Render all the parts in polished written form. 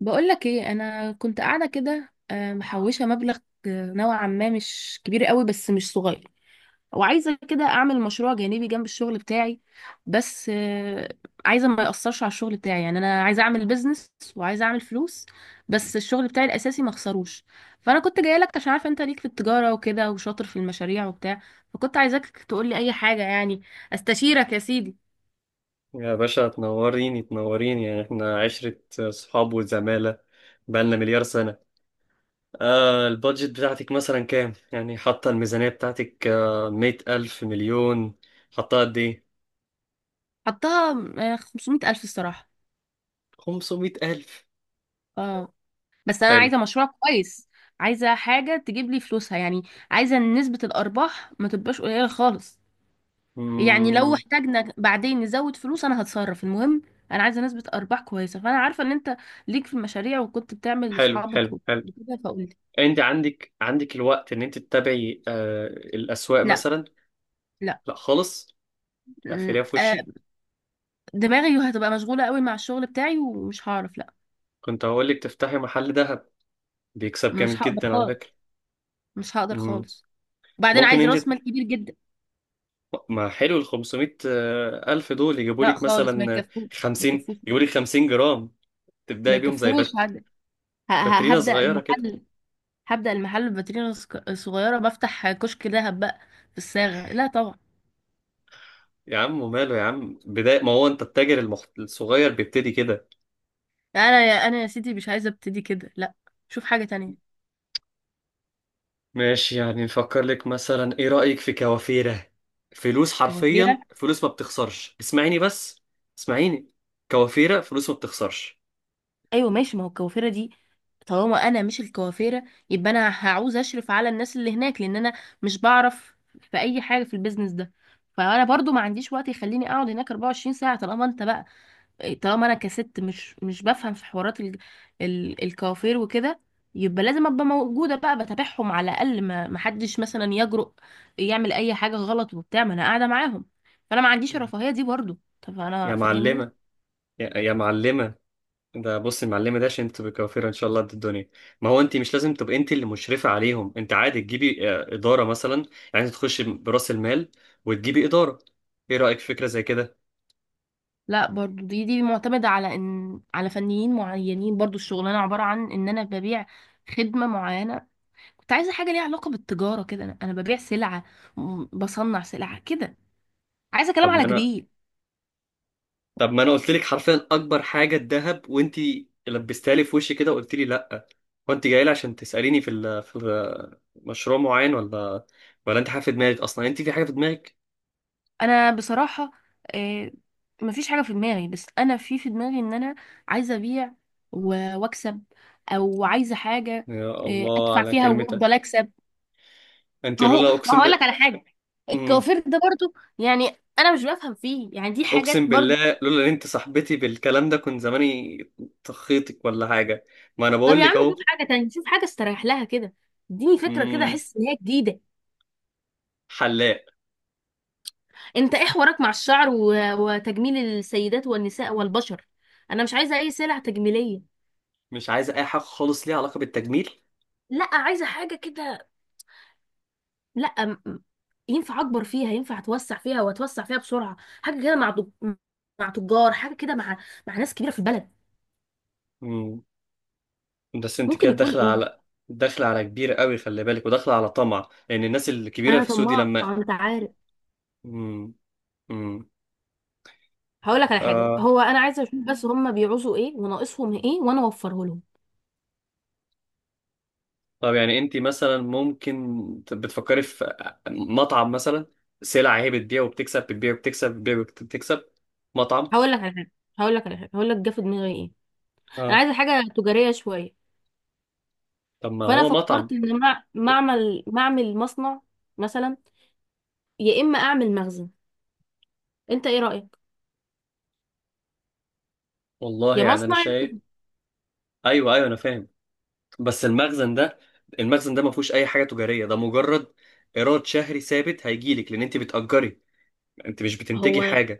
بقولك ايه، انا كنت قاعده كده، محوشه مبلغ. نوعا ما مش كبير قوي، بس مش صغير. وعايزه كده اعمل مشروع جانبي جنب الشغل بتاعي. بس عايزه ما ياثرش على الشغل بتاعي. يعني انا عايزه اعمل بيزنس وعايزه اعمل فلوس، بس الشغل بتاعي الاساسي ما اخسروش. فانا كنت جايه لك عشان عارفه انت ليك في التجاره وكده، وشاطر في المشاريع وبتاع. فكنت عايزاك تقول لي اي حاجه، يعني استشيرك يا سيدي. يا باشا، تنوريني يعني احنا عشرة صحاب وزمالة. بقالنا مليار سنة. البادجت بتاعتك مثلا كام؟ يعني حاطة الميزانية بتاعتك، مية ألف مليون؟ حاطة قد ايه؟ حطها 500 الف الصراحه. خمسمية ألف. اه. بس انا حلو. عايزه مشروع كويس، عايزه حاجه تجيب لي فلوسها يعني. عايزه إن نسبه الارباح ما تبقاش قليله خالص. يعني لو مم. احتاجنا بعدين نزود فلوس، انا هتصرف. المهم انا عايزه نسبه ارباح كويسه، فانا عارفه ان انت ليك في المشاريع وكنت بتعمل حلو لاصحابك حلو حلو. وكده، فقلت انت عندك الوقت ان انت تتابعي الأسواق لا، مثلا؟ لا، لا خالص. م- اقفليها في آه، وشي. دماغي هتبقى مشغوله قوي مع الشغل بتاعي ومش هعرف. لا، كنت هقولك تفتحي محل ذهب، بيكسب جامد مش هقدر جدا على خالص، فكرة. مش هقدر مم. خالص. وبعدين ممكن عايز راس انت، مال كبير جدا. ما حلو ال 500 ألف دول يجيبوا لا لك خالص، ما مثلا يكفوش، ما 50؟ يكفوش. يجيبوا لك 50 جرام، ما تبدأي بيهم زي يكفوش. باترينا هبدأ صغيرة كده. المحل. هبدأ المحل بفاتورة صغيرة، بفتح كشك دهب بقى في الصاغة؟ لا طبعا. يا عم وماله يا عم، بداية ما هو أنت التاجر الصغير بيبتدي كده. انا يا سيدي مش عايزة ابتدي كده، لا. شوف حاجة تانية. ماشي، يعني نفكر لك مثلا، إيه رأيك في كوافيرة؟ فلوس، كوافيرة؟ حرفيا فلوس ما بتخسرش. اسمعيني بس، اسمعيني. كوافيرة فلوس ما بتخسرش. ايوه ماشي، ما هو الكوافيرة دي طالما انا مش الكوافيرة، يبقى انا هعوز اشرف على الناس اللي هناك، لان انا مش بعرف في اي حاجة في البيزنس ده. فانا برضو ما عنديش وقت يخليني اقعد هناك 24 ساعة. طالما انت بقى، طالما انا كست مش بفهم في حوارات الكوافير وكده، يبقى لازم ابقى موجوده بقى بتابعهم على الاقل، ما حدش مثلا يجرؤ يعمل اي حاجه غلط وبتاع ما انا قاعده معاهم. فانا ما عنديش الرفاهيه دي برضو. طب يا انا، فاهمني؟ معلمة، يا معلمة. ده بص، المعلمة ده عشان تبقى كوافيرة ان شاء الله قد الدنيا. ما هو انت مش لازم تبقى انت اللي مشرفة عليهم، انت عادي تجيبي ادارة مثلا. يعني انت تخش برأس المال وتجيبي ادارة. ايه رأيك في فكرة زي كده؟ لا برضو، دي معتمده على على فنيين معينين. برضو الشغلانه عباره عن ان انا ببيع خدمه معينه. كنت عايزه حاجه ليها علاقه بالتجاره كده. انا ببيع سلعه، بصنع سلعه كده. عايزه كلام طب ما على انا كبير. طب ما انا قلت لك حرفيا اكبر حاجة الذهب، وانت لبستها لي في وشي كده وقلت لي لا. هو انت جاي لي عشان تسأليني في مشروع معين، ولا ولا انت حاجة في دماغك اصلا؟ انت في حاجة في دماغك. انا بصراحه آه، مفيش حاجه في دماغي، بس انا في دماغي ان انا عايزه ابيع واكسب. او عايزه حاجه يا الله ادفع على فيها كلمتك. وافضل اكسب. انت ما هو، لولا، ما هقول لك على حاجه؟ ب... الكوافير ده برضو يعني انا مش بفهم فيه، يعني دي حاجات اقسم برضو. بالله لولا ان انت صاحبتي بالكلام ده، كنت زماني طخيتك ولا حاجه. ما انا طب بقول يا لك عم اهو. شوف حاجه تانية، شوف حاجه استريح لها كده. اديني فكره كده، مم، احس ان هي جديده. حلاق. انت ايه حوارك مع الشعر وتجميل السيدات والنساء والبشر؟ انا مش عايزه اي سلع تجميليه. مش عايزه اي حاجه خالص ليها علاقه بالتجميل. لا، عايزه حاجه كده. لا، ينفع اكبر فيها، ينفع اتوسع فيها واتوسع فيها بسرعه. حاجه كده مع مع تجار، حاجه كده مع ناس كبيره في البلد. مم، بس انت ممكن كده يكون ايه؟ داخله على كبير قوي، خلي بالك، وداخله على طمع، لان الناس الكبيره انا في سودي طماعه لما... انت عارف. مم، مم. هقول لك على حاجه. آه. هو انا عايزه اشوف بس هم بيعوزوا ايه وناقصهم ايه، وانا اوفره لهم. طب يعني انت مثلا ممكن بتفكري في مطعم مثلا؟ سلع هي بتبيع وبتكسب، بتبيع وبتكسب، بتبيع وبتكسب. مطعم. هقول لك على حاجه هقول لك جه في دماغي ايه. انا اه، عايزه حاجه تجاريه شويه. طب ما فانا هو مطعم. فكرت ان مع- معمل معمل مصنع مثلا، يا اما اعمل مخزن. انت ايه رايك؟ والله يا يعني انا مصنع. شايف. ايوه ايوه، انا فاهم. بس المخزن ده، المخزن ده ما فيهوش اي حاجه تجاريه، ده مجرد ايراد شهري ثابت هيجيلك، لان انت بتأجري. انت مش بتنتجي هو حاجه.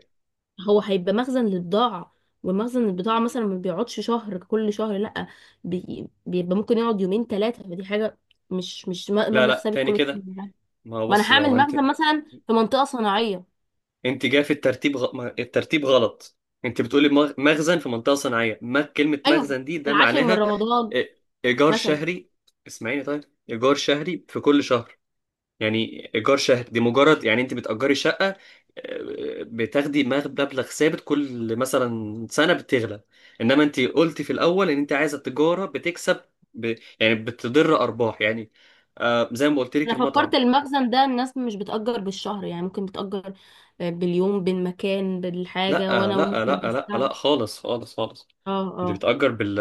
هو هيبقى مخزن للبضاعة، ومخزن البضاعة مثلا ما بيقعدش شهر كل شهر، لأ. بيبقى ممكن يقعد يومين ثلاثة، فدي حاجة مش لا مبلغ لا، ثابت تاني كل شهر، كده. لا. ما هو ما بص أنا بقى، ما هو هعمل انت، مخزن مثلا في منطقة صناعية. انت جاي في الترتيب غ... ما- الترتيب غلط. انت بتقولي مخزن في منطقه صناعيه. ما كلمه أيوة، مخزن دي في ده العاشر من معناها رمضان إ- ايجار مثلا. شهري. اسمعيني طيب، ايجار شهري في كل شهر. يعني ايجار شهري دي مجرد، يعني انت بتأجري شقة، بتاخدي مبلغ ثابت كل مثلا سنة بتغلى. انما انت قلتي في الاول ان انت عايزة التجارة بتكسب، يعني بتضر ارباح يعني، زي ما قلت لك أنا فكرت المطعم. المخزن ده الناس مش بتأجر بالشهر، يعني ممكن بتأجر باليوم بالمكان لا بالحاجة، وأنا لا، ممكن لا لا، أستعمل. لا خالص خالص خالص. اه، انت اه. بتأجر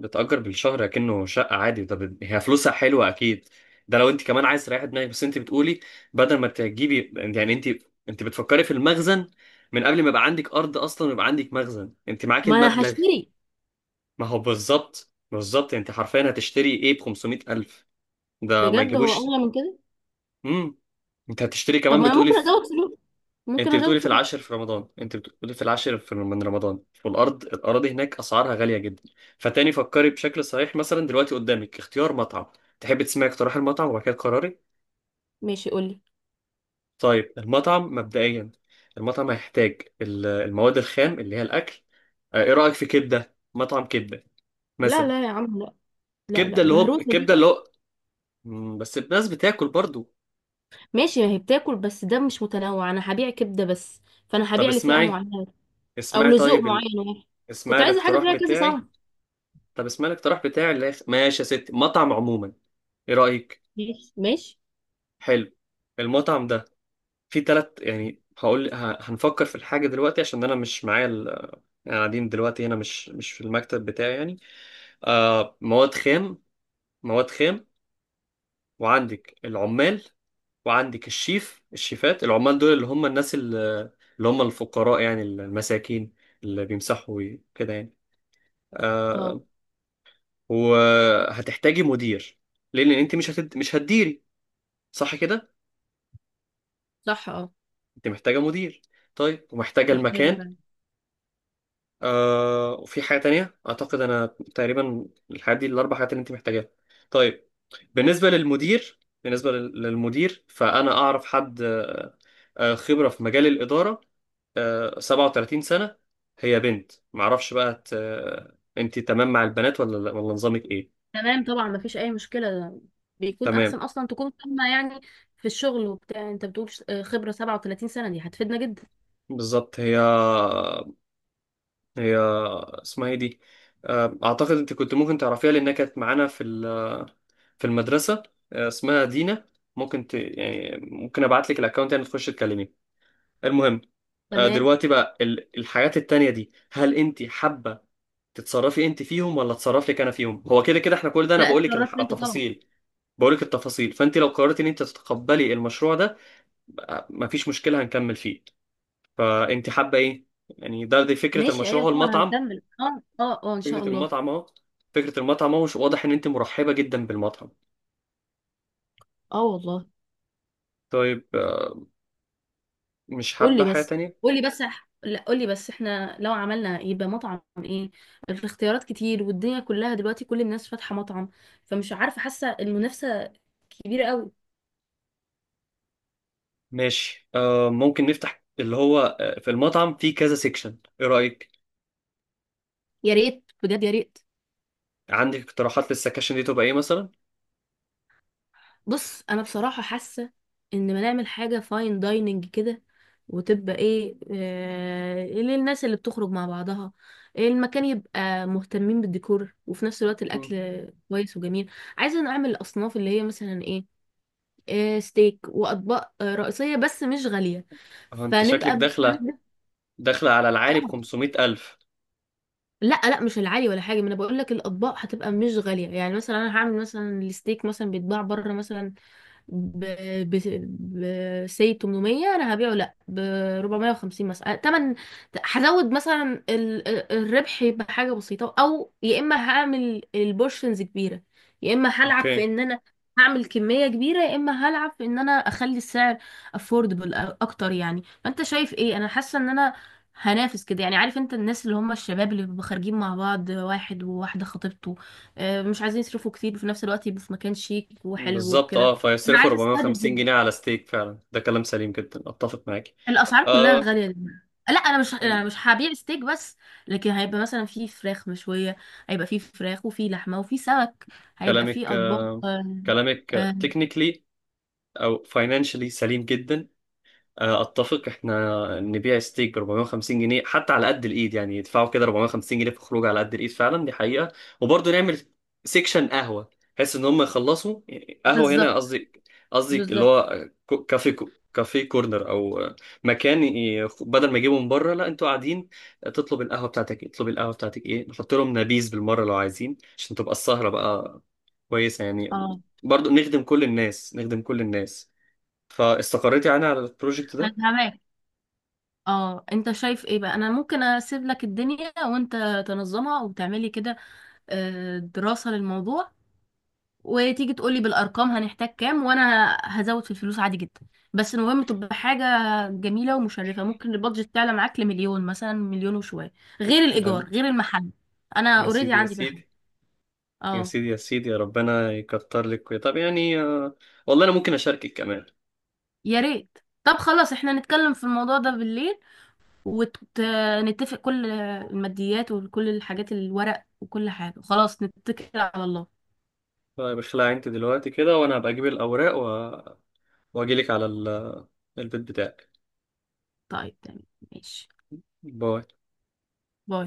بتأجر بالشهر كأنه شقة عادي. ده هي فلوسها حلوة أكيد. ده لو انت كمان عايز تريحي دماغك. بس انت بتقولي، بدل ما تجيبي، يعني انت، انت بتفكري في المخزن من قبل ما يبقى عندك أرض أصلا ويبقى عندك مخزن. انت معاكي ما أنا المبلغ. هشتري. ما هو بالظبط، انت حرفيا هتشتري ايه ب 500 ألف؟ ده ما بجد هو يجيبوش. أغلى من كده. امم انت هتشتري طب كمان ما أنا بتقولي. ممكن أزود فلوس، ممكن انت أزود بتقولي في فلوس. العاشر في رمضان، انت بتقولي في العاشر في من رمضان، والارض، الاراضي هناك اسعارها غاليه جدا. فتاني فكري بشكل صحيح. مثلا دلوقتي قدامك اختيار مطعم. تحبي تسمعي اقتراح المطعم وبعد كده قراري؟ ماشي، قولي. طيب المطعم مبدئيا. المطعم هيحتاج المواد الخام اللي هي الاكل. اه، ايه رايك في كبده؟ مطعم كبده لا، مثلا. لا يا عم، لا. لا، لا كبده اللي هو، مهروسة كبده دي. اللي هو، بس الناس بتاكل برضو. ماشي، ما هي بتاكل، بس ده مش متنوع، انا هبيع كبدة بس، فانا طب هبيع لفئة اسمعي، معينة او اسمعي لذوق طيب معين واحد. اسمعي كنت عايزة حاجة الاقتراح فيها كذا صنف. بتاعي. طب اسمع الاقتراح بتاعي اللي ماشي يا ستي، مطعم عموما. ايه رأيك؟ ماشي، ماشي. حلو. المطعم ده فيه تلات، يعني هنفكر في الحاجة دلوقتي، عشان انا مش معايا يعني قاعدين دلوقتي هنا، مش في المكتب بتاعي يعني. مواد خام، مواد خام، وعندك العمال، وعندك الشيف، الشيفات. العمال دول اللي هم الناس اللي هم الفقراء، يعني المساكين، اللي بيمسحوا كده يعني. اه، آه وهتحتاجي مدير، لان انت مش هتديري، صح كده؟ صح، اه. انت محتاجه مدير، طيب ومحتاجه محتاجة المكان، فعلا. وفي حاجه تانية اعتقد انا. تقريبا الحاجات دي الاربع حاجات اللي انت محتاجاها. طيب، بالنسبه للمدير، للمدير، فانا اعرف حد، خبره في مجال الاداره، 37 سنه. هي بنت، معرفش بقى، انت تمام مع البنات ولا لا، ولا نظامك ايه؟ تمام طبعا، ما فيش اي مشكلة ده، بيكون احسن تمام. اصلا تكون فاهمة يعني في الشغل وبتاع. انت بتقول خبرة 37 سنة دي هتفيدنا جدا. بالظبط. هي اسمها ايه دي؟ اعتقد انت كنت ممكن تعرفيها لانها كانت معانا في في المدرسة. اسمها دينا. ممكن يعني ممكن ابعت لك الاكونت، يعني تخش تكلمي المهم. تمام. دلوقتي بقى الحاجات التانية دي، هل انت حابة تتصرفي انت فيهم ولا اتصرف لك انا فيهم؟ هو كده كده احنا، كل ده انا لا، بقول لك اتشرفت انت طبعا. التفاصيل، بقول لك التفاصيل. فانت لو قررتي ان انت تتقبلي المشروع ده، بقى مفيش مشكلة هنكمل فيه. فانت حابة ايه يعني؟ ده، دي فكرة ماشي، المشروع، ايوه هو طبعا المطعم. هنكمل. اه، اه، اه، ان شاء فكرة الله. المطعم اهو، فكرة المطعم اهو. واضح ان انت مرحبة جدا بالمطعم. اه والله. طيب، مش حابة قولي حاجة بس تانية؟ لا، قولي بس، احنا لو عملنا يبقى مطعم ايه؟ الاختيارات كتير والدنيا كلها دلوقتي كل الناس فاتحة مطعم، فمش عارفة، حاسة المنافسة كبيرة قوي. ماشي، ممكن نفتح اللي هو، في المطعم في كذا سيكشن، ايه رأيك؟ يا ريت، بجد يا ريت. عندك اقتراحات للسكاشن دي تبقى ايه مثلا؟ بص، انا بصراحة حاسة ان ما نعمل حاجة فاين دايننج كده، وتبقى ايه للناس اللي بتخرج مع بعضها، المكان يبقى مهتمين بالديكور وفي نفس الوقت مم. الاكل كويس وجميل. عايزة اعمل الاصناف اللي هي مثلا ايه؟ ستيك واطباق رئيسيه بس مش غاليه، اه انت شكلك فنبقى داخلة بنستهدف. داخلة على العالي ب اه. 500 ألف. لا، لا مش العالي ولا حاجه، ما انا بقول لك الاطباق هتبقى مش غاليه. يعني مثلا انا هعمل مثلا الستيك مثلا بيتباع بره مثلا ب ب ب 800، انا هبيعه لا ب 450 مثلا تمن. هزود مثلا الربح يبقى حاجه بسيطه. او يا اما هعمل البورشنز كبيره، يا اما هلعب في اوكي. ان انا هعمل كميه كبيره، يا اما هلعب في ان انا اخلي السعر افوردبل اكتر يعني. فانت شايف ايه؟ انا حاسه ان انا هنافس كده يعني. عارف انت الناس اللي هم الشباب اللي بيبقوا خارجين مع بعض، واحد وواحده خطيبته، مش عايزين يصرفوا كتير وفي نفس الوقت يبقوا في مكان شيك وحلو بالظبط، اه، وكده. انا فيصرفوا عايزه استهدف 450 جنيه جدا، على ستيك؟ فعلا ده كلام سليم جدا، اتفق معاك. الاسعار كلها آه غاليه جدا. لا، انا مش هبيع ستيك بس، لكن هيبقى مثلا في فراخ مشويه. هيبقى في فراخ وفي لحمه وفي سمك، هيبقى في كلامك اطباق. آه كلامك آه، تكنيكلي او فاينانشلي سليم جدا. اتفق احنا نبيع ستيك ب 450 جنيه حتى على قد الايد، يعني يدفعوا كده 450 جنيه في خروج على قد الايد، فعلا دي حقيقة. وبرضه نعمل سيكشن قهوة، بحيث ان هم يخلصوا قهوة. هنا بالظبط، قصدي، قصدي اللي بالظبط. هو كافي كورنر، او مكان بدل ما يجيبوا من بره، لا، انتوا قاعدين تطلب القهوة بتاعتك ايه، تطلب القهوة بتاعتك ايه، نحط لهم نبيذ بالمرة لو عايزين، عشان تبقى السهرة بقى كويسة يعني. اه برضه نخدم كل الناس، نخدم كل الناس. فاستقريتي يعني على البروجكت انا ده؟ فاهمك. اه، انت شايف ايه بقى؟ انا ممكن اسيب لك الدنيا وانت تنظمها وتعملي كده دراسه للموضوع، وتيجي تقولي بالارقام هنحتاج كام، وانا هزود في الفلوس عادي جدا. بس المهم تبقى حاجه جميله ومشرفه. ممكن البادجت تعلى معاك لمليون مثلا، مليون وشويه، غير الايجار ده غير المحل. انا يا اوريدي سيدي يا عندي محل. سيدي، يا اه، سيدي يا سيدي، يا ربنا يكتر لك. طب يعني، والله انا ممكن اشاركك كمان. يا ريت. طب خلاص احنا نتكلم في الموضوع ده بالليل، ونتفق كل الماديات وكل الحاجات الورق وكل حاجه. خلاص نتكل على الله. طيب اخلعي انت دلوقتي كده، وانا هبقى اجيب الاوراق واجي لك على البيت بتاعك. طيب، تمام. ماشي. باي. باي.